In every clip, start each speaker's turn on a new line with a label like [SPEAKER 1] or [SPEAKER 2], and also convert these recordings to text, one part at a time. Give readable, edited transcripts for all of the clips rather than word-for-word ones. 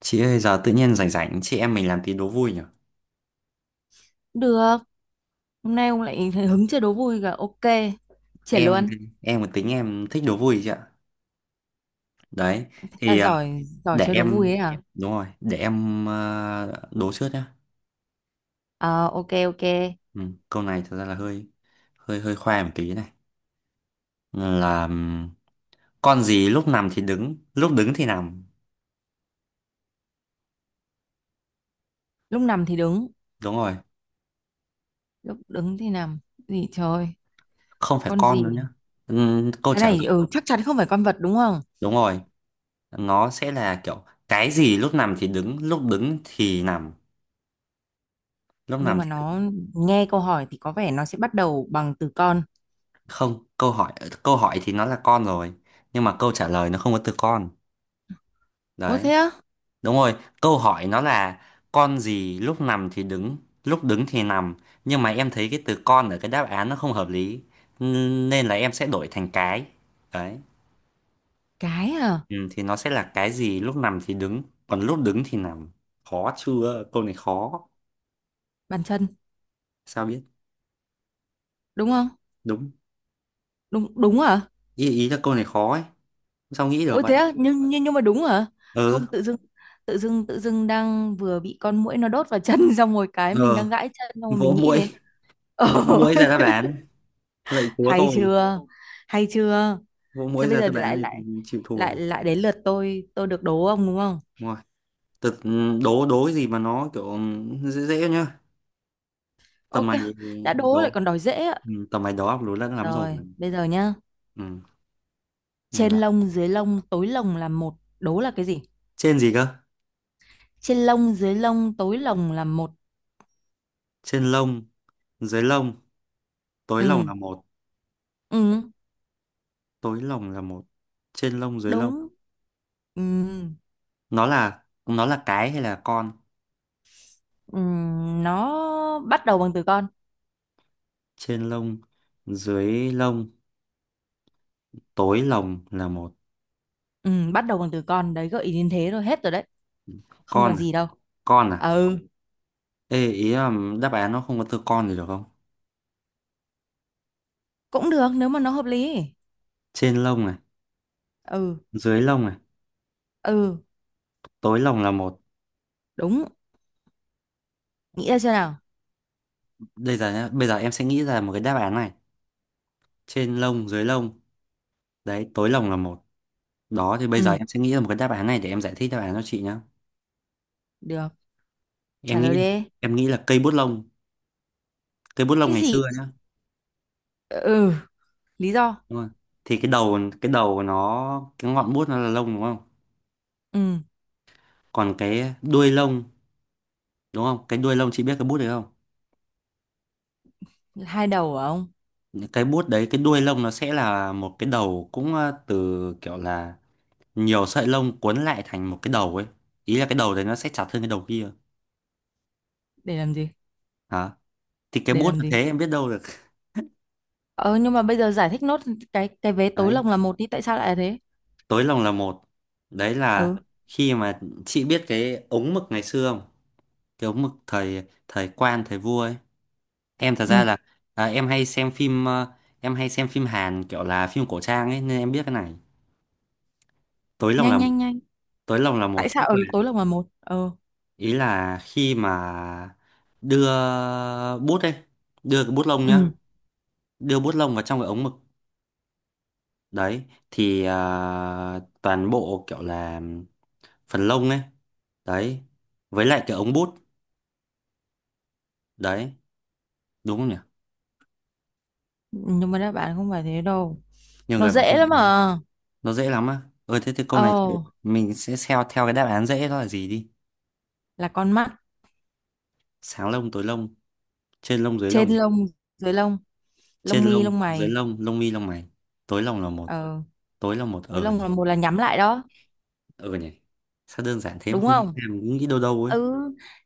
[SPEAKER 1] Chị ơi giờ tự nhiên rảnh rảnh chị em mình làm tí đố vui nhỉ?
[SPEAKER 2] Được, hôm nay ông lại hứng chơi đố vui cả. Ok, triển
[SPEAKER 1] Em
[SPEAKER 2] luôn.
[SPEAKER 1] em một tính em thích đố vui chị ạ. Đấy
[SPEAKER 2] À,
[SPEAKER 1] thì ờ,
[SPEAKER 2] giỏi, giỏi
[SPEAKER 1] để
[SPEAKER 2] chơi đố vui
[SPEAKER 1] em
[SPEAKER 2] ấy hả?
[SPEAKER 1] đúng rồi, để em đố trước nhá.
[SPEAKER 2] Ờ, ok, ok.
[SPEAKER 1] Ừ, câu này thật ra là hơi hơi hơi khoe một tí này. Là con gì lúc nằm thì đứng, lúc đứng thì nằm.
[SPEAKER 2] Lúc nằm thì đứng,
[SPEAKER 1] Đúng rồi,
[SPEAKER 2] lúc đứng thì nằm. Gì trời,
[SPEAKER 1] không phải
[SPEAKER 2] con
[SPEAKER 1] con đâu nhá.
[SPEAKER 2] gì?
[SPEAKER 1] Câu
[SPEAKER 2] Cái
[SPEAKER 1] trả
[SPEAKER 2] này,
[SPEAKER 1] lời
[SPEAKER 2] chắc chắn không phải con vật đúng không?
[SPEAKER 1] đúng rồi, nó sẽ là kiểu cái gì lúc nằm thì đứng, lúc đứng thì nằm, lúc
[SPEAKER 2] Nhưng
[SPEAKER 1] nằm
[SPEAKER 2] mà
[SPEAKER 1] thì
[SPEAKER 2] nó nghe câu hỏi thì có vẻ nó sẽ bắt đầu bằng từ con.
[SPEAKER 1] không câu hỏi. Câu hỏi thì nó là con rồi, nhưng mà câu trả lời nó không có từ con
[SPEAKER 2] Ôi
[SPEAKER 1] đấy.
[SPEAKER 2] thế á?
[SPEAKER 1] Đúng rồi, câu hỏi nó là con gì lúc nằm thì đứng, lúc đứng thì nằm, nhưng mà em thấy cái từ con ở cái đáp án nó không hợp lý, nên là em sẽ đổi thành cái. Đấy,
[SPEAKER 2] Cái à?
[SPEAKER 1] ừ, thì nó sẽ là cái gì lúc nằm thì đứng, còn lúc đứng thì nằm. Khó chưa, câu này khó.
[SPEAKER 2] Bàn chân,
[SPEAKER 1] Sao biết?
[SPEAKER 2] đúng không?
[SPEAKER 1] Đúng.
[SPEAKER 2] Đúng, đúng hả?
[SPEAKER 1] Ý là câu này khó ấy, sao nghĩ được
[SPEAKER 2] Ôi
[SPEAKER 1] vậy.
[SPEAKER 2] thế á, nhưng mà đúng hả? Không
[SPEAKER 1] Ừ.
[SPEAKER 2] tự dưng, tự dưng đang vừa bị con muỗi nó đốt vào chân xong rồi cái mình
[SPEAKER 1] Ờ,
[SPEAKER 2] đang gãi chân xong rồi
[SPEAKER 1] vỗ
[SPEAKER 2] mình nghĩ
[SPEAKER 1] mũi,
[SPEAKER 2] đến. Ồ,
[SPEAKER 1] vỗ mũi ra đáp án, lạy chúa
[SPEAKER 2] hay
[SPEAKER 1] tôi.
[SPEAKER 2] chưa? Hay chưa?
[SPEAKER 1] Gỗ
[SPEAKER 2] Thế
[SPEAKER 1] muối
[SPEAKER 2] bây
[SPEAKER 1] ra
[SPEAKER 2] giờ
[SPEAKER 1] tôi bán
[SPEAKER 2] lại
[SPEAKER 1] thì
[SPEAKER 2] lại
[SPEAKER 1] chịu thua
[SPEAKER 2] lại
[SPEAKER 1] rồi.
[SPEAKER 2] lại đến lượt tôi, được đố ông đúng không?
[SPEAKER 1] Đúng rồi. Thực đố đố cái gì mà nó kiểu, ừ, dễ dễ nhá. Tầm
[SPEAKER 2] Ok,
[SPEAKER 1] mày
[SPEAKER 2] đã đố lại
[SPEAKER 1] đố,
[SPEAKER 2] còn đòi dễ ạ.
[SPEAKER 1] ừ, tầm mày đó lố lẫn lắm rồi.
[SPEAKER 2] Rồi, bây giờ nhá.
[SPEAKER 1] Ừ, ngày vào.
[SPEAKER 2] Trên lông dưới lông tối lông là một, đố là cái gì?
[SPEAKER 1] Trên gì cơ?
[SPEAKER 2] Trên lông dưới lông tối lông là một.
[SPEAKER 1] Trên lông, dưới lông, tối lông
[SPEAKER 2] Ừ,
[SPEAKER 1] là một,
[SPEAKER 2] ừ,
[SPEAKER 1] tối lông là một. Trên lông dưới lông.
[SPEAKER 2] đúng. Ừ,
[SPEAKER 1] Nó là cái hay là con?
[SPEAKER 2] Nó bắt đầu bằng từ con.
[SPEAKER 1] Trên lông, dưới lông, tối lông là một.
[SPEAKER 2] Bắt đầu bằng từ con đấy, gợi ý đến thế rồi, hết rồi đấy, không
[SPEAKER 1] Con
[SPEAKER 2] còn
[SPEAKER 1] à?
[SPEAKER 2] gì đâu.
[SPEAKER 1] Con à?
[SPEAKER 2] Ừ,
[SPEAKER 1] Ê, ý là đáp án nó không có từ con thì được không?
[SPEAKER 2] cũng được nếu mà nó hợp lý.
[SPEAKER 1] Trên lông này,
[SPEAKER 2] Ừ,
[SPEAKER 1] dưới lông này,
[SPEAKER 2] ừ,
[SPEAKER 1] tối lông là một.
[SPEAKER 2] đúng. Nghĩ ra chưa nào?
[SPEAKER 1] Bây giờ nhá, bây giờ em sẽ nghĩ ra một cái đáp án này. Trên lông dưới lông, đấy, tối lồng là một. Đó thì bây giờ
[SPEAKER 2] Ừ,
[SPEAKER 1] em sẽ nghĩ ra một cái đáp án này để em giải thích đáp án cho chị nhá.
[SPEAKER 2] được,
[SPEAKER 1] em
[SPEAKER 2] trả lời
[SPEAKER 1] nghĩ
[SPEAKER 2] đi.
[SPEAKER 1] em nghĩ là cây bút lông, cây bút lông
[SPEAKER 2] Cái
[SPEAKER 1] ngày
[SPEAKER 2] gì?
[SPEAKER 1] xưa nhá.
[SPEAKER 2] Ừ, lý do?
[SPEAKER 1] Đúng không? Thì cái đầu của nó, cái ngọn bút nó là lông, đúng không?
[SPEAKER 2] Ừ
[SPEAKER 1] Còn cái đuôi lông, đúng không, cái đuôi lông, chị biết cái bút đấy không?
[SPEAKER 2] hai đầu hả ông?
[SPEAKER 1] Cái bút đấy, cái đuôi lông nó sẽ là một cái đầu, cũng từ kiểu là nhiều sợi lông cuốn lại thành một cái đầu ấy. Ý là cái đầu đấy nó sẽ chặt hơn cái đầu kia.
[SPEAKER 2] Để làm gì?
[SPEAKER 1] Hả? Thì cái
[SPEAKER 2] Để
[SPEAKER 1] bút
[SPEAKER 2] làm
[SPEAKER 1] nó
[SPEAKER 2] gì?
[SPEAKER 1] thế, em biết đâu được.
[SPEAKER 2] Ờ nhưng mà bây giờ giải thích nốt cái vé tối
[SPEAKER 1] Đấy,
[SPEAKER 2] lồng là một đi, tại sao lại là thế?
[SPEAKER 1] tối lòng là một. Đấy
[SPEAKER 2] Ừ,
[SPEAKER 1] là khi mà chị biết cái ống mực ngày xưa không? Cái ống mực thời thời quan thời vua ấy. Em thật ra
[SPEAKER 2] ừ,
[SPEAKER 1] là, à, em hay xem phim em hay xem phim Hàn kiểu là phim cổ trang ấy, nên em biết cái này. Tối lòng là
[SPEAKER 2] nhanh
[SPEAKER 1] một,
[SPEAKER 2] nhanh nhanh.
[SPEAKER 1] tối lòng là
[SPEAKER 2] Tại
[SPEAKER 1] một tức
[SPEAKER 2] sao ở
[SPEAKER 1] là,
[SPEAKER 2] tối lồng là một? Ừ,
[SPEAKER 1] ý là khi mà đưa bút ấy, đưa cái bút lông nhá,
[SPEAKER 2] ừ,
[SPEAKER 1] đưa bút lông vào trong cái ống mực. Đấy thì toàn bộ kiểu là phần lông ấy, đấy, với lại cái ống bút, đấy, đúng không nhỉ.
[SPEAKER 2] nhưng mà đáp án không phải thế đâu.
[SPEAKER 1] Nhiều
[SPEAKER 2] Nó
[SPEAKER 1] người bảo
[SPEAKER 2] dễ
[SPEAKER 1] không
[SPEAKER 2] lắm
[SPEAKER 1] nhớ.
[SPEAKER 2] à.
[SPEAKER 1] Nó dễ lắm á? Ơi thế thì câu này chị-
[SPEAKER 2] Ồ,
[SPEAKER 1] mình sẽ theo theo cái đáp án dễ đó là gì đi.
[SPEAKER 2] là con mắt.
[SPEAKER 1] Sáng lông tối lông, trên lông dưới
[SPEAKER 2] Trên
[SPEAKER 1] lông.
[SPEAKER 2] lông, dưới lông,
[SPEAKER 1] Trên
[SPEAKER 2] lông mi,
[SPEAKER 1] lông
[SPEAKER 2] lông
[SPEAKER 1] dưới
[SPEAKER 2] mày.
[SPEAKER 1] lông, lông mi lông mày, tối lông là một.
[SPEAKER 2] Ờ,
[SPEAKER 1] Tối là một,
[SPEAKER 2] dưới
[SPEAKER 1] ờ
[SPEAKER 2] lông
[SPEAKER 1] nhỉ.
[SPEAKER 2] là một là nhắm lại đó,
[SPEAKER 1] Ờ nhỉ, sao đơn giản thế mà
[SPEAKER 2] đúng
[SPEAKER 1] không nghĩ
[SPEAKER 2] không?
[SPEAKER 1] ra, mình cứ nghĩ đâu đâu ấy.
[SPEAKER 2] Ừ,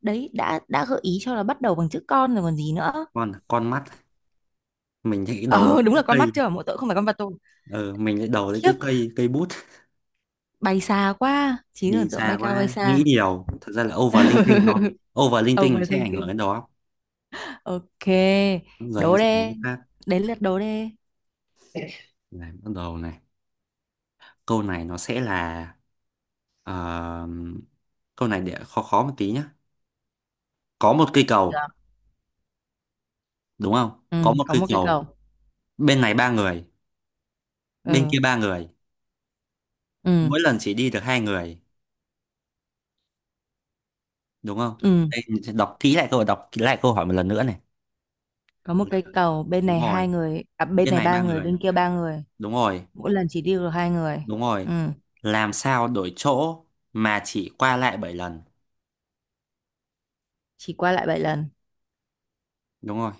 [SPEAKER 2] đấy, đã gợi ý cho là bắt đầu bằng chữ con rồi còn gì nữa.
[SPEAKER 1] Con mắt, mình thấy
[SPEAKER 2] Ờ,
[SPEAKER 1] đầu mình
[SPEAKER 2] đúng
[SPEAKER 1] cứ
[SPEAKER 2] là con
[SPEAKER 1] cây.
[SPEAKER 2] mắt chưa, mỗi tội không phải con vật tôi.
[SPEAKER 1] Ờ mình lại đầu đấy
[SPEAKER 2] Khiếp,
[SPEAKER 1] cứ cây cây bút.
[SPEAKER 2] bay xa quá, trí
[SPEAKER 1] Đi
[SPEAKER 2] tưởng tượng
[SPEAKER 1] xa
[SPEAKER 2] bay cao bay
[SPEAKER 1] quá, nghĩ
[SPEAKER 2] xa.
[SPEAKER 1] điều thật ra là overthinking nó, overthinking nó sẽ ảnh hưởng
[SPEAKER 2] Overthinking.
[SPEAKER 1] đến đó.
[SPEAKER 2] Ok,
[SPEAKER 1] Đúng rồi, em
[SPEAKER 2] đố
[SPEAKER 1] sẽ đố
[SPEAKER 2] đê.
[SPEAKER 1] cái khác.
[SPEAKER 2] Đến lượt đố đê.
[SPEAKER 1] Này bắt đầu này, câu này nó sẽ là, ờ, câu này để khó khó một tí nhá. Có một cây cầu,
[SPEAKER 2] Được.
[SPEAKER 1] đúng không,
[SPEAKER 2] Ừ,
[SPEAKER 1] có một
[SPEAKER 2] có
[SPEAKER 1] cây
[SPEAKER 2] một cái
[SPEAKER 1] cầu,
[SPEAKER 2] cầu.
[SPEAKER 1] bên này ba người, bên
[SPEAKER 2] Ừ,
[SPEAKER 1] kia ba người,
[SPEAKER 2] ừ,
[SPEAKER 1] mỗi lần chỉ đi được hai người, đúng không?
[SPEAKER 2] ừ.
[SPEAKER 1] Đây, mình sẽ đọc kỹ lại câu, đọc kỹ lại câu hỏi một lần nữa này.
[SPEAKER 2] Có một cây cầu, bên
[SPEAKER 1] Đúng
[SPEAKER 2] này
[SPEAKER 1] rồi,
[SPEAKER 2] hai người, à, bên
[SPEAKER 1] bên
[SPEAKER 2] này
[SPEAKER 1] này
[SPEAKER 2] ba
[SPEAKER 1] ba
[SPEAKER 2] người
[SPEAKER 1] người,
[SPEAKER 2] bên kia ba người,
[SPEAKER 1] đúng rồi,
[SPEAKER 2] mỗi lần chỉ đi được hai người.
[SPEAKER 1] đúng rồi.
[SPEAKER 2] Ừ,
[SPEAKER 1] Làm sao đổi chỗ mà chỉ qua lại bảy lần.
[SPEAKER 2] chỉ qua lại bảy lần.
[SPEAKER 1] Đúng rồi,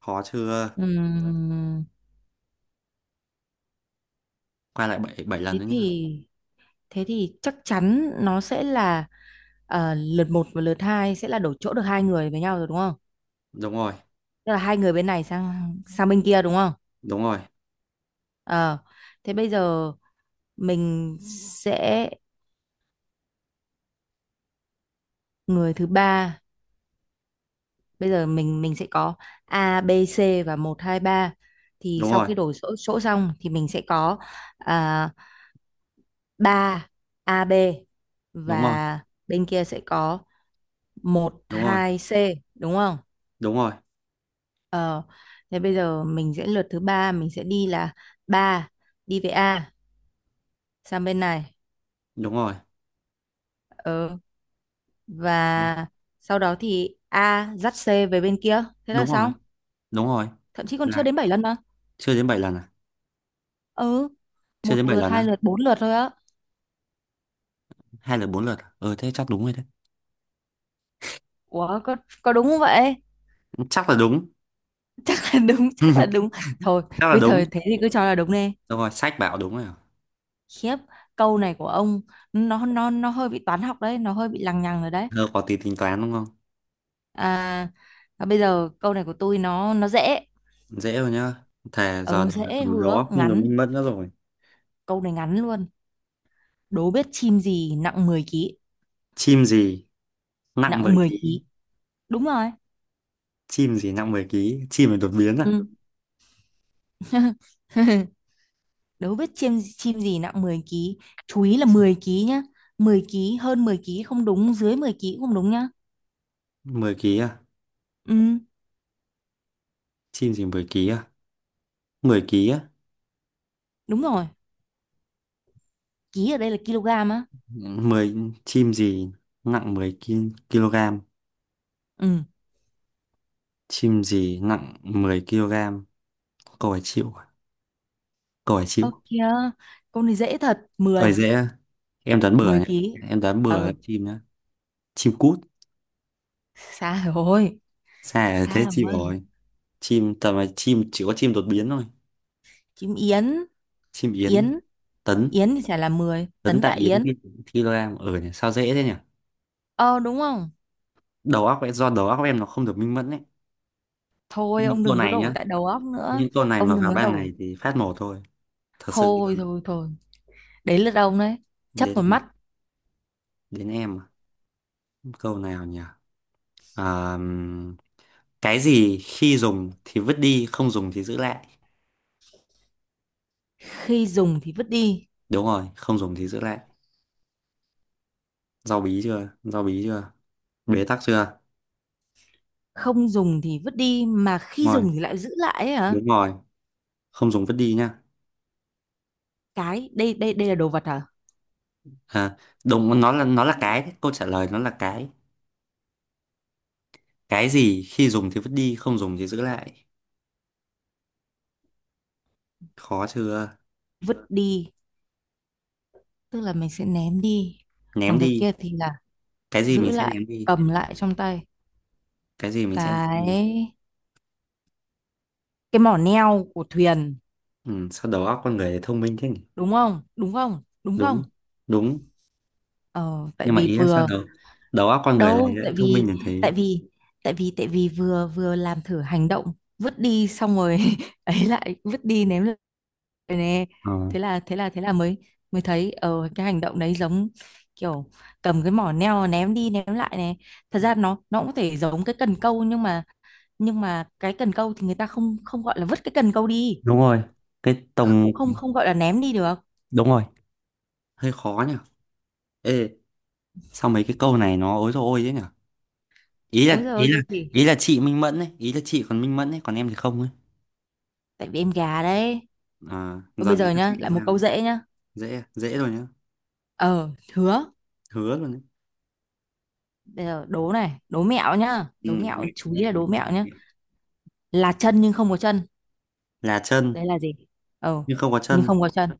[SPEAKER 1] khó chưa,
[SPEAKER 2] Ừm,
[SPEAKER 1] qua lại bảy bảy lần
[SPEAKER 2] thế
[SPEAKER 1] nữa nhá.
[SPEAKER 2] thì, thế thì chắc chắn nó sẽ là, ờ, lượt một và lượt hai sẽ là đổi chỗ được hai người với nhau rồi đúng không?
[SPEAKER 1] Đúng rồi,
[SPEAKER 2] Tức là hai người bên này sang, sang bên kia đúng không?
[SPEAKER 1] đúng rồi,
[SPEAKER 2] Ờ, thế bây giờ mình sẽ người thứ ba. Bây giờ mình sẽ có A B C và một 2 ba, thì
[SPEAKER 1] đúng
[SPEAKER 2] sau
[SPEAKER 1] rồi,
[SPEAKER 2] khi đổi chỗ, chỗ xong thì mình sẽ có, à, ba, a AB,
[SPEAKER 1] đúng rồi,
[SPEAKER 2] và bên kia sẽ có một
[SPEAKER 1] đúng rồi,
[SPEAKER 2] hai C, đúng không?
[SPEAKER 1] đúng rồi,
[SPEAKER 2] Ờ, thế bây giờ mình sẽ lượt thứ ba mình sẽ đi là 3 đi về A sang bên này.
[SPEAKER 1] đúng rồi,
[SPEAKER 2] Ờ, và sau đó thì A dắt C về bên kia, thế là
[SPEAKER 1] đúng rồi,
[SPEAKER 2] xong.
[SPEAKER 1] đúng rồi
[SPEAKER 2] Thậm chí còn chưa
[SPEAKER 1] là
[SPEAKER 2] đến 7 lần mà.
[SPEAKER 1] chưa đến 7 lần à?
[SPEAKER 2] Ừ,
[SPEAKER 1] Chưa đến
[SPEAKER 2] một
[SPEAKER 1] 7
[SPEAKER 2] lượt
[SPEAKER 1] lần
[SPEAKER 2] hai
[SPEAKER 1] á?
[SPEAKER 2] lượt bốn lượt thôi á.
[SPEAKER 1] Hay là bốn lượt à? Ừ thế chắc đúng rồi đấy.
[SPEAKER 2] Ủa, có đúng không vậy?
[SPEAKER 1] Chắc là đúng.
[SPEAKER 2] Chắc là đúng, chắc là đúng. Thôi,
[SPEAKER 1] Chắc là
[SPEAKER 2] cứ
[SPEAKER 1] đúng.
[SPEAKER 2] thời thế thì cứ cho là đúng đi.
[SPEAKER 1] Đúng rồi, sách bảo đúng rồi à?
[SPEAKER 2] Khiếp, câu này của ông nó hơi bị toán học đấy, nó hơi bị lằng nhằng rồi đấy.
[SPEAKER 1] Thơ có tí tính toán đúng không?
[SPEAKER 2] À, à bây giờ câu này của tôi nó dễ.
[SPEAKER 1] Dễ rồi nhá, thề giờ
[SPEAKER 2] Ừ
[SPEAKER 1] rồi
[SPEAKER 2] dễ
[SPEAKER 1] tầm
[SPEAKER 2] hứa,
[SPEAKER 1] đó không được
[SPEAKER 2] ngắn.
[SPEAKER 1] minh mất nữa rồi.
[SPEAKER 2] Câu này ngắn luôn. Đố biết chim gì nặng 10 ký.
[SPEAKER 1] Chim gì nặng
[SPEAKER 2] Nặng
[SPEAKER 1] 10
[SPEAKER 2] 10
[SPEAKER 1] ký,
[SPEAKER 2] ký. Đúng rồi.
[SPEAKER 1] chim gì nặng 10 ký, chim này đột biến à.
[SPEAKER 2] Ừ. Đố biết chim chim gì nặng 10 ký. Chú ý là 10 ký nhá. Mười ký, hơn 10 ký không đúng, dưới 10 ký cũng không đúng nhá.
[SPEAKER 1] Mười ký à,
[SPEAKER 2] Ừ.
[SPEAKER 1] chim gì 10 ký à, mười ký á.
[SPEAKER 2] Đúng rồi, ký ở đây là kg á.
[SPEAKER 1] Mười, chim gì nặng kg.
[SPEAKER 2] Ừ.
[SPEAKER 1] Chim gì nặng 10 kg? Câu hỏi chịu. À? Câu hỏi
[SPEAKER 2] Ơ
[SPEAKER 1] chịu.
[SPEAKER 2] kìa, con này dễ thật,
[SPEAKER 1] Câu hỏi
[SPEAKER 2] 10,
[SPEAKER 1] dễ. À? Em đoán bừa
[SPEAKER 2] 10
[SPEAKER 1] nhé.
[SPEAKER 2] ký.
[SPEAKER 1] Em đoán bừa là
[SPEAKER 2] Ừ,
[SPEAKER 1] chim nhá. Chim cút.
[SPEAKER 2] xa rồi,
[SPEAKER 1] Sai là thế
[SPEAKER 2] xa
[SPEAKER 1] chịu
[SPEAKER 2] rồi.
[SPEAKER 1] rồi. Chim tầm là chim chỉ có chim đột biến thôi.
[SPEAKER 2] Chim yến,
[SPEAKER 1] Chim yến.
[SPEAKER 2] yến,
[SPEAKER 1] Tấn.
[SPEAKER 2] yến thì chả là 10
[SPEAKER 1] Tấn
[SPEAKER 2] tấn tạ
[SPEAKER 1] tại yến
[SPEAKER 2] yến.
[SPEAKER 1] kg. Ở nhỉ. Sao dễ thế nhỉ?
[SPEAKER 2] Ờ đúng không?
[SPEAKER 1] Đầu óc ấy, do đầu óc em nó không được minh mẫn ấy. Thế
[SPEAKER 2] Thôi
[SPEAKER 1] những
[SPEAKER 2] ông
[SPEAKER 1] câu
[SPEAKER 2] đừng có
[SPEAKER 1] này
[SPEAKER 2] đổ
[SPEAKER 1] nhá.
[SPEAKER 2] tại đầu óc nữa.
[SPEAKER 1] Những câu này mà
[SPEAKER 2] Ông đừng
[SPEAKER 1] vào
[SPEAKER 2] có
[SPEAKER 1] ban
[SPEAKER 2] đổ.
[SPEAKER 1] ngày thì phát mổ thôi. Thật sự
[SPEAKER 2] Thôi
[SPEAKER 1] luôn.
[SPEAKER 2] thôi thôi. Đấy là ông đấy. Chấp vào
[SPEAKER 1] Đến
[SPEAKER 2] mắt,
[SPEAKER 1] đến em. À? Câu nào nhỉ? Ờ, cái gì khi dùng thì vứt đi, không dùng thì giữ lại.
[SPEAKER 2] khi dùng thì vứt đi,
[SPEAKER 1] Đúng rồi, không dùng thì giữ lại. Rau bí chưa? Rau bí chưa? Bế tắc chưa?
[SPEAKER 2] không dùng thì vứt đi mà khi
[SPEAKER 1] Đúng rồi,
[SPEAKER 2] dùng thì lại giữ lại ấy hả?
[SPEAKER 1] đúng rồi. Không dùng vứt đi nhá.
[SPEAKER 2] Cái, đây đây đây là đồ vật hả?
[SPEAKER 1] À, đúng, nó là cái. Đấy, câu trả lời nó là cái. Cái gì khi dùng thì vứt đi, không dùng thì giữ lại. Khó chưa?
[SPEAKER 2] Vứt đi tức là mình sẽ ném đi,
[SPEAKER 1] Ném
[SPEAKER 2] còn cái
[SPEAKER 1] đi.
[SPEAKER 2] kia thì là
[SPEAKER 1] Cái gì
[SPEAKER 2] giữ
[SPEAKER 1] mình sẽ
[SPEAKER 2] lại,
[SPEAKER 1] ném đi?
[SPEAKER 2] cầm lại trong tay.
[SPEAKER 1] Cái gì mình sẽ ném đi?
[SPEAKER 2] cái cái mỏ neo của thuyền,
[SPEAKER 1] Ừ, sao đầu óc con người lại thông minh thế nhỉ?
[SPEAKER 2] đúng không? đúng không đúng
[SPEAKER 1] Đúng,
[SPEAKER 2] không
[SPEAKER 1] đúng.
[SPEAKER 2] Ờ tại
[SPEAKER 1] Nhưng mà
[SPEAKER 2] vì
[SPEAKER 1] ý là sao
[SPEAKER 2] vừa,
[SPEAKER 1] đầu, đầu óc con người lại
[SPEAKER 2] đâu
[SPEAKER 1] lại
[SPEAKER 2] tại
[SPEAKER 1] thông minh
[SPEAKER 2] vì,
[SPEAKER 1] như thế?
[SPEAKER 2] tại vì tại vì vừa, vừa làm thử hành động vứt đi xong rồi ấy, lại vứt đi ném lại nè.
[SPEAKER 1] Ờ.
[SPEAKER 2] Thế là, thế là mới, mới thấy ờ cái hành động đấy giống kiểu cầm cái mỏ neo ném đi ném lại này. Thật ra nó cũng có thể giống cái cần câu, nhưng mà, nhưng mà cái cần câu thì người ta không, không gọi là vứt cái cần câu đi,
[SPEAKER 1] Đúng rồi, cái tổng
[SPEAKER 2] cũng không, không gọi là ném đi được.
[SPEAKER 1] đúng rồi, hơi khó nhỉ. Ê, sao mấy cái câu này nó ối rồi ôi thế nhỉ? Ý
[SPEAKER 2] Ôi
[SPEAKER 1] là
[SPEAKER 2] giời
[SPEAKER 1] ý
[SPEAKER 2] ơi
[SPEAKER 1] là
[SPEAKER 2] cái gì.
[SPEAKER 1] ý là chị minh mẫn ấy, ý là chị còn minh mẫn ấy, còn em thì không ấy.
[SPEAKER 2] Tại vì em gà đấy.
[SPEAKER 1] À,
[SPEAKER 2] Thôi
[SPEAKER 1] giờ
[SPEAKER 2] bây
[SPEAKER 1] đến
[SPEAKER 2] giờ
[SPEAKER 1] các
[SPEAKER 2] nhá,
[SPEAKER 1] chị thì
[SPEAKER 2] lại một
[SPEAKER 1] sao đấy?
[SPEAKER 2] câu dễ nhá.
[SPEAKER 1] Dễ à? Dễ rồi nhá.
[SPEAKER 2] Ờ hứa.
[SPEAKER 1] Hứa luôn đấy.
[SPEAKER 2] Bây giờ đố này, đố mẹo nhá,
[SPEAKER 1] Ừ,
[SPEAKER 2] đố mẹo,
[SPEAKER 1] mẹ
[SPEAKER 2] chú
[SPEAKER 1] mẹ-
[SPEAKER 2] ý là đố mẹo nhá.
[SPEAKER 1] mẹ
[SPEAKER 2] Là chân nhưng không có chân,
[SPEAKER 1] là chân
[SPEAKER 2] đấy là gì? Ờ,
[SPEAKER 1] nhưng không có
[SPEAKER 2] nhưng
[SPEAKER 1] chân,
[SPEAKER 2] không có chân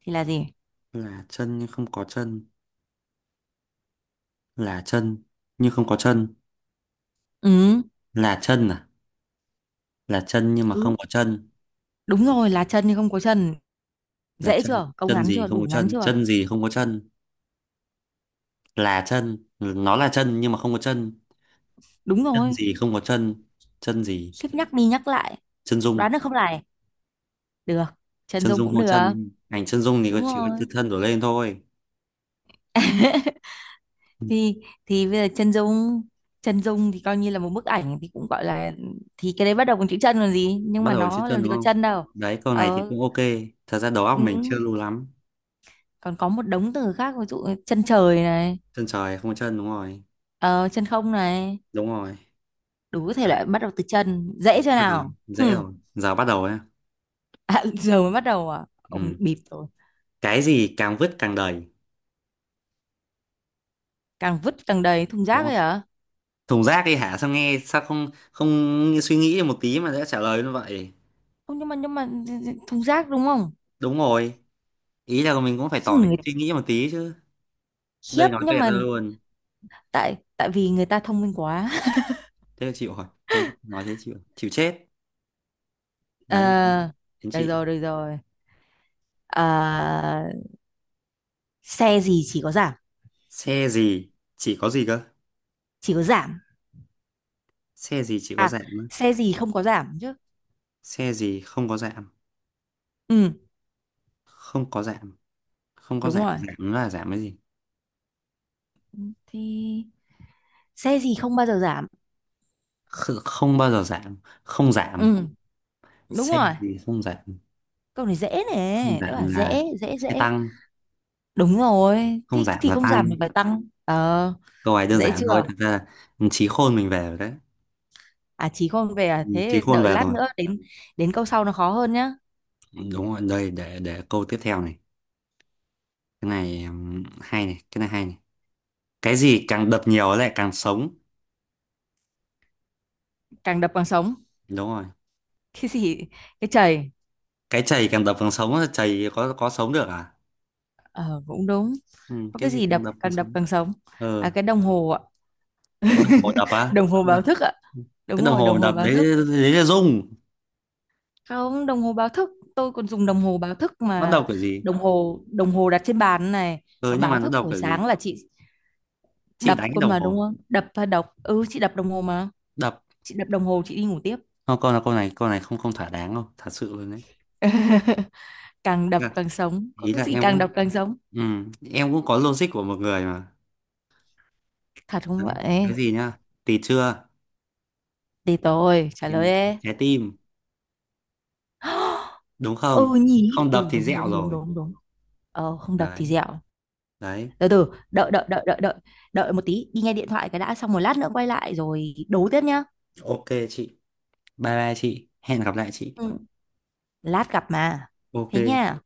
[SPEAKER 2] thì là gì?
[SPEAKER 1] là chân nhưng không có chân, là chân nhưng không có chân,
[SPEAKER 2] Ừ,
[SPEAKER 1] là chân à? Là chân nhưng mà không
[SPEAKER 2] ừ,
[SPEAKER 1] có chân,
[SPEAKER 2] đúng rồi, là chân nhưng không có chân.
[SPEAKER 1] là
[SPEAKER 2] Dễ
[SPEAKER 1] chân
[SPEAKER 2] chưa, câu
[SPEAKER 1] chân
[SPEAKER 2] ngắn
[SPEAKER 1] gì
[SPEAKER 2] chưa,
[SPEAKER 1] không có
[SPEAKER 2] đủ ngắn
[SPEAKER 1] chân,
[SPEAKER 2] chưa?
[SPEAKER 1] chân gì không có chân, là chân, nó là chân nhưng mà không có chân.
[SPEAKER 2] Đúng
[SPEAKER 1] Chân
[SPEAKER 2] rồi.
[SPEAKER 1] gì không có chân, chân gì,
[SPEAKER 2] Khiếp nhắc đi nhắc lại.
[SPEAKER 1] chân dung.
[SPEAKER 2] Đoán được không này? Được, chân
[SPEAKER 1] Chân
[SPEAKER 2] dung
[SPEAKER 1] dung
[SPEAKER 2] cũng
[SPEAKER 1] không
[SPEAKER 2] được.
[SPEAKER 1] chân, ảnh chân dung thì có
[SPEAKER 2] Đúng
[SPEAKER 1] chỉ
[SPEAKER 2] rồi.
[SPEAKER 1] có từ thân đổ lên thôi. Ừ,
[SPEAKER 2] thì thì bây giờ chân dung, chân dung thì coi như là một bức ảnh thì cũng gọi là, thì cái đấy bắt đầu bằng chữ chân còn gì, nhưng
[SPEAKER 1] bắt
[SPEAKER 2] mà
[SPEAKER 1] đầu bằng chữ
[SPEAKER 2] nó
[SPEAKER 1] chân
[SPEAKER 2] làm gì
[SPEAKER 1] đúng
[SPEAKER 2] có
[SPEAKER 1] không,
[SPEAKER 2] chân đâu.
[SPEAKER 1] đấy câu này thì
[SPEAKER 2] Ờ,
[SPEAKER 1] cũng ok, thật ra đầu óc
[SPEAKER 2] ừ.
[SPEAKER 1] mình chưa lưu lắm.
[SPEAKER 2] Còn có một đống từ khác, ví dụ chân trời này,
[SPEAKER 1] Chân trời không có chân, đúng rồi,
[SPEAKER 2] ờ, chân không này.
[SPEAKER 1] đúng rồi.
[SPEAKER 2] Đủ thể
[SPEAKER 1] Đấy,
[SPEAKER 2] loại bắt đầu từ chân, dễ chưa
[SPEAKER 1] bắt đầu,
[SPEAKER 2] nào?
[SPEAKER 1] dễ
[SPEAKER 2] Hừm.
[SPEAKER 1] rồi giờ bắt đầu nhá.
[SPEAKER 2] À, giờ mới bắt đầu à, ông
[SPEAKER 1] Ừ,
[SPEAKER 2] bịp rồi.
[SPEAKER 1] cái gì càng vứt càng đầy?
[SPEAKER 2] Càng vứt càng đầy, thùng
[SPEAKER 1] Đúng
[SPEAKER 2] rác
[SPEAKER 1] không,
[SPEAKER 2] ấy hả?
[SPEAKER 1] thùng rác đi hả, sao nghe sao không không suy nghĩ một tí mà đã trả lời như vậy?
[SPEAKER 2] Không, nhưng mà, nhưng mà thùng rác đúng không?
[SPEAKER 1] Đúng rồi, ý là mình cũng phải
[SPEAKER 2] Chứ
[SPEAKER 1] tỏ vẻ
[SPEAKER 2] người,
[SPEAKER 1] suy nghĩ một tí chứ.
[SPEAKER 2] khiếp
[SPEAKER 1] Đây nói
[SPEAKER 2] nhưng
[SPEAKER 1] tuyệt ra
[SPEAKER 2] mà,
[SPEAKER 1] luôn,
[SPEAKER 2] tại, tại vì người ta thông minh quá.
[SPEAKER 1] thế là chịu rồi, thế nói thế chịu chịu chết. Đấy,
[SPEAKER 2] Ờ,
[SPEAKER 1] đến
[SPEAKER 2] được
[SPEAKER 1] chị đấy.
[SPEAKER 2] rồi được rồi. Ờ, xe gì chỉ có giảm?
[SPEAKER 1] Xe gì chỉ có gì cơ?
[SPEAKER 2] Chỉ có giảm
[SPEAKER 1] Xe gì chỉ có
[SPEAKER 2] à,
[SPEAKER 1] giảm á?
[SPEAKER 2] xe gì không có giảm chứ.
[SPEAKER 1] Xe gì không có giảm,
[SPEAKER 2] Ừ,
[SPEAKER 1] không có giảm, không có
[SPEAKER 2] đúng
[SPEAKER 1] giảm,
[SPEAKER 2] rồi,
[SPEAKER 1] giảm là giảm cái gì?
[SPEAKER 2] thì xe gì không bao giờ giảm?
[SPEAKER 1] Không bao giờ giảm, không giảm.
[SPEAKER 2] Ừ, đúng
[SPEAKER 1] Xe
[SPEAKER 2] rồi.
[SPEAKER 1] gì không giảm?
[SPEAKER 2] Câu này dễ
[SPEAKER 1] Không
[SPEAKER 2] này, đã
[SPEAKER 1] giảm
[SPEAKER 2] bảo
[SPEAKER 1] là
[SPEAKER 2] dễ, dễ
[SPEAKER 1] xe
[SPEAKER 2] dễ
[SPEAKER 1] tăng.
[SPEAKER 2] Đúng rồi,
[SPEAKER 1] Không
[SPEAKER 2] thì
[SPEAKER 1] giảm
[SPEAKER 2] thì
[SPEAKER 1] là
[SPEAKER 2] không giảm
[SPEAKER 1] tăng,
[SPEAKER 2] thì phải tăng. Ờ,
[SPEAKER 1] câu này đơn
[SPEAKER 2] dễ
[SPEAKER 1] giản thôi
[SPEAKER 2] chưa?
[SPEAKER 1] thật ra là, trí khôn mình về rồi đấy.
[SPEAKER 2] À chí không về à,
[SPEAKER 1] Trí
[SPEAKER 2] thế
[SPEAKER 1] khôn
[SPEAKER 2] đợi
[SPEAKER 1] về
[SPEAKER 2] lát
[SPEAKER 1] rồi.
[SPEAKER 2] nữa đến, đến câu sau nó khó hơn nhá.
[SPEAKER 1] Đúng rồi, đây để câu tiếp theo này. Cái này hay này, cái này hay này. Cái gì càng đập nhiều lại càng sống?
[SPEAKER 2] Càng đập càng sống.
[SPEAKER 1] Đúng rồi,
[SPEAKER 2] Cái gì? Cái chày.
[SPEAKER 1] cái chày càng đập càng sống á, chày có sống được à.
[SPEAKER 2] Ờ cũng đúng.
[SPEAKER 1] Ừ,
[SPEAKER 2] Có
[SPEAKER 1] cái
[SPEAKER 2] cái
[SPEAKER 1] gì
[SPEAKER 2] gì
[SPEAKER 1] càng
[SPEAKER 2] đập,
[SPEAKER 1] đập càng
[SPEAKER 2] càng đập
[SPEAKER 1] sống?
[SPEAKER 2] càng sống? À,
[SPEAKER 1] Ờ,
[SPEAKER 2] cái đồng hồ ạ.
[SPEAKER 1] cái đồng hồ đập á.
[SPEAKER 2] Đồng hồ
[SPEAKER 1] Đập.
[SPEAKER 2] báo thức ạ.
[SPEAKER 1] Cái
[SPEAKER 2] Đúng
[SPEAKER 1] đồng
[SPEAKER 2] rồi,
[SPEAKER 1] hồ
[SPEAKER 2] đồng hồ
[SPEAKER 1] đập
[SPEAKER 2] báo
[SPEAKER 1] đấy,
[SPEAKER 2] thức.
[SPEAKER 1] đấy là rung.
[SPEAKER 2] Không, đồng hồ báo thức, tôi còn dùng đồng hồ báo thức
[SPEAKER 1] Nó
[SPEAKER 2] mà.
[SPEAKER 1] đập kiểu gì?
[SPEAKER 2] Đồng hồ, đồng hồ đặt trên bàn này,
[SPEAKER 1] Ừ
[SPEAKER 2] nó
[SPEAKER 1] nhưng mà
[SPEAKER 2] báo
[SPEAKER 1] nó
[SPEAKER 2] thức
[SPEAKER 1] đập
[SPEAKER 2] buổi
[SPEAKER 1] kiểu gì?
[SPEAKER 2] sáng là chị
[SPEAKER 1] Chị
[SPEAKER 2] đập
[SPEAKER 1] đánh cái
[SPEAKER 2] cơ
[SPEAKER 1] đồng
[SPEAKER 2] mà đúng
[SPEAKER 1] hồ
[SPEAKER 2] không, đập và đọc, ừ chị đập đồng hồ mà.
[SPEAKER 1] đập.
[SPEAKER 2] Chị đập đồng hồ chị đi ngủ tiếp.
[SPEAKER 1] Không, câu là câu này, câu này không không thỏa đáng đâu, thật sự luôn đấy.
[SPEAKER 2] Càng đập
[SPEAKER 1] Dạ,
[SPEAKER 2] càng sống, có
[SPEAKER 1] ý
[SPEAKER 2] cái
[SPEAKER 1] là
[SPEAKER 2] gì
[SPEAKER 1] em
[SPEAKER 2] càng
[SPEAKER 1] cũng,
[SPEAKER 2] đập càng sống?
[SPEAKER 1] ừ, em cũng có logic của một người mà.
[SPEAKER 2] Thật không
[SPEAKER 1] Đấy cái
[SPEAKER 2] vậy?
[SPEAKER 1] gì nhá, tì chưa.
[SPEAKER 2] Thì tôi trả lời
[SPEAKER 1] Tì-
[SPEAKER 2] ê.
[SPEAKER 1] Trái tim. Đúng không,
[SPEAKER 2] Ừ nhỉ,
[SPEAKER 1] không đập
[SPEAKER 2] ừ
[SPEAKER 1] thì
[SPEAKER 2] đúng
[SPEAKER 1] dẹo
[SPEAKER 2] đúng đúng
[SPEAKER 1] rồi.
[SPEAKER 2] đúng đúng. Ờ, không đập
[SPEAKER 1] Đấy,
[SPEAKER 2] thì dẹo.
[SPEAKER 1] đấy.
[SPEAKER 2] Từ từ, đợi đợi đợi đợi đợi đợi một tí đi nghe điện thoại cái đã, xong một lát nữa quay lại rồi đấu tiếp nhá.
[SPEAKER 1] Ok chị. Bye bye chị. Hẹn gặp lại chị.
[SPEAKER 2] Ừ. Lát gặp mà, thế
[SPEAKER 1] Ok.
[SPEAKER 2] nha.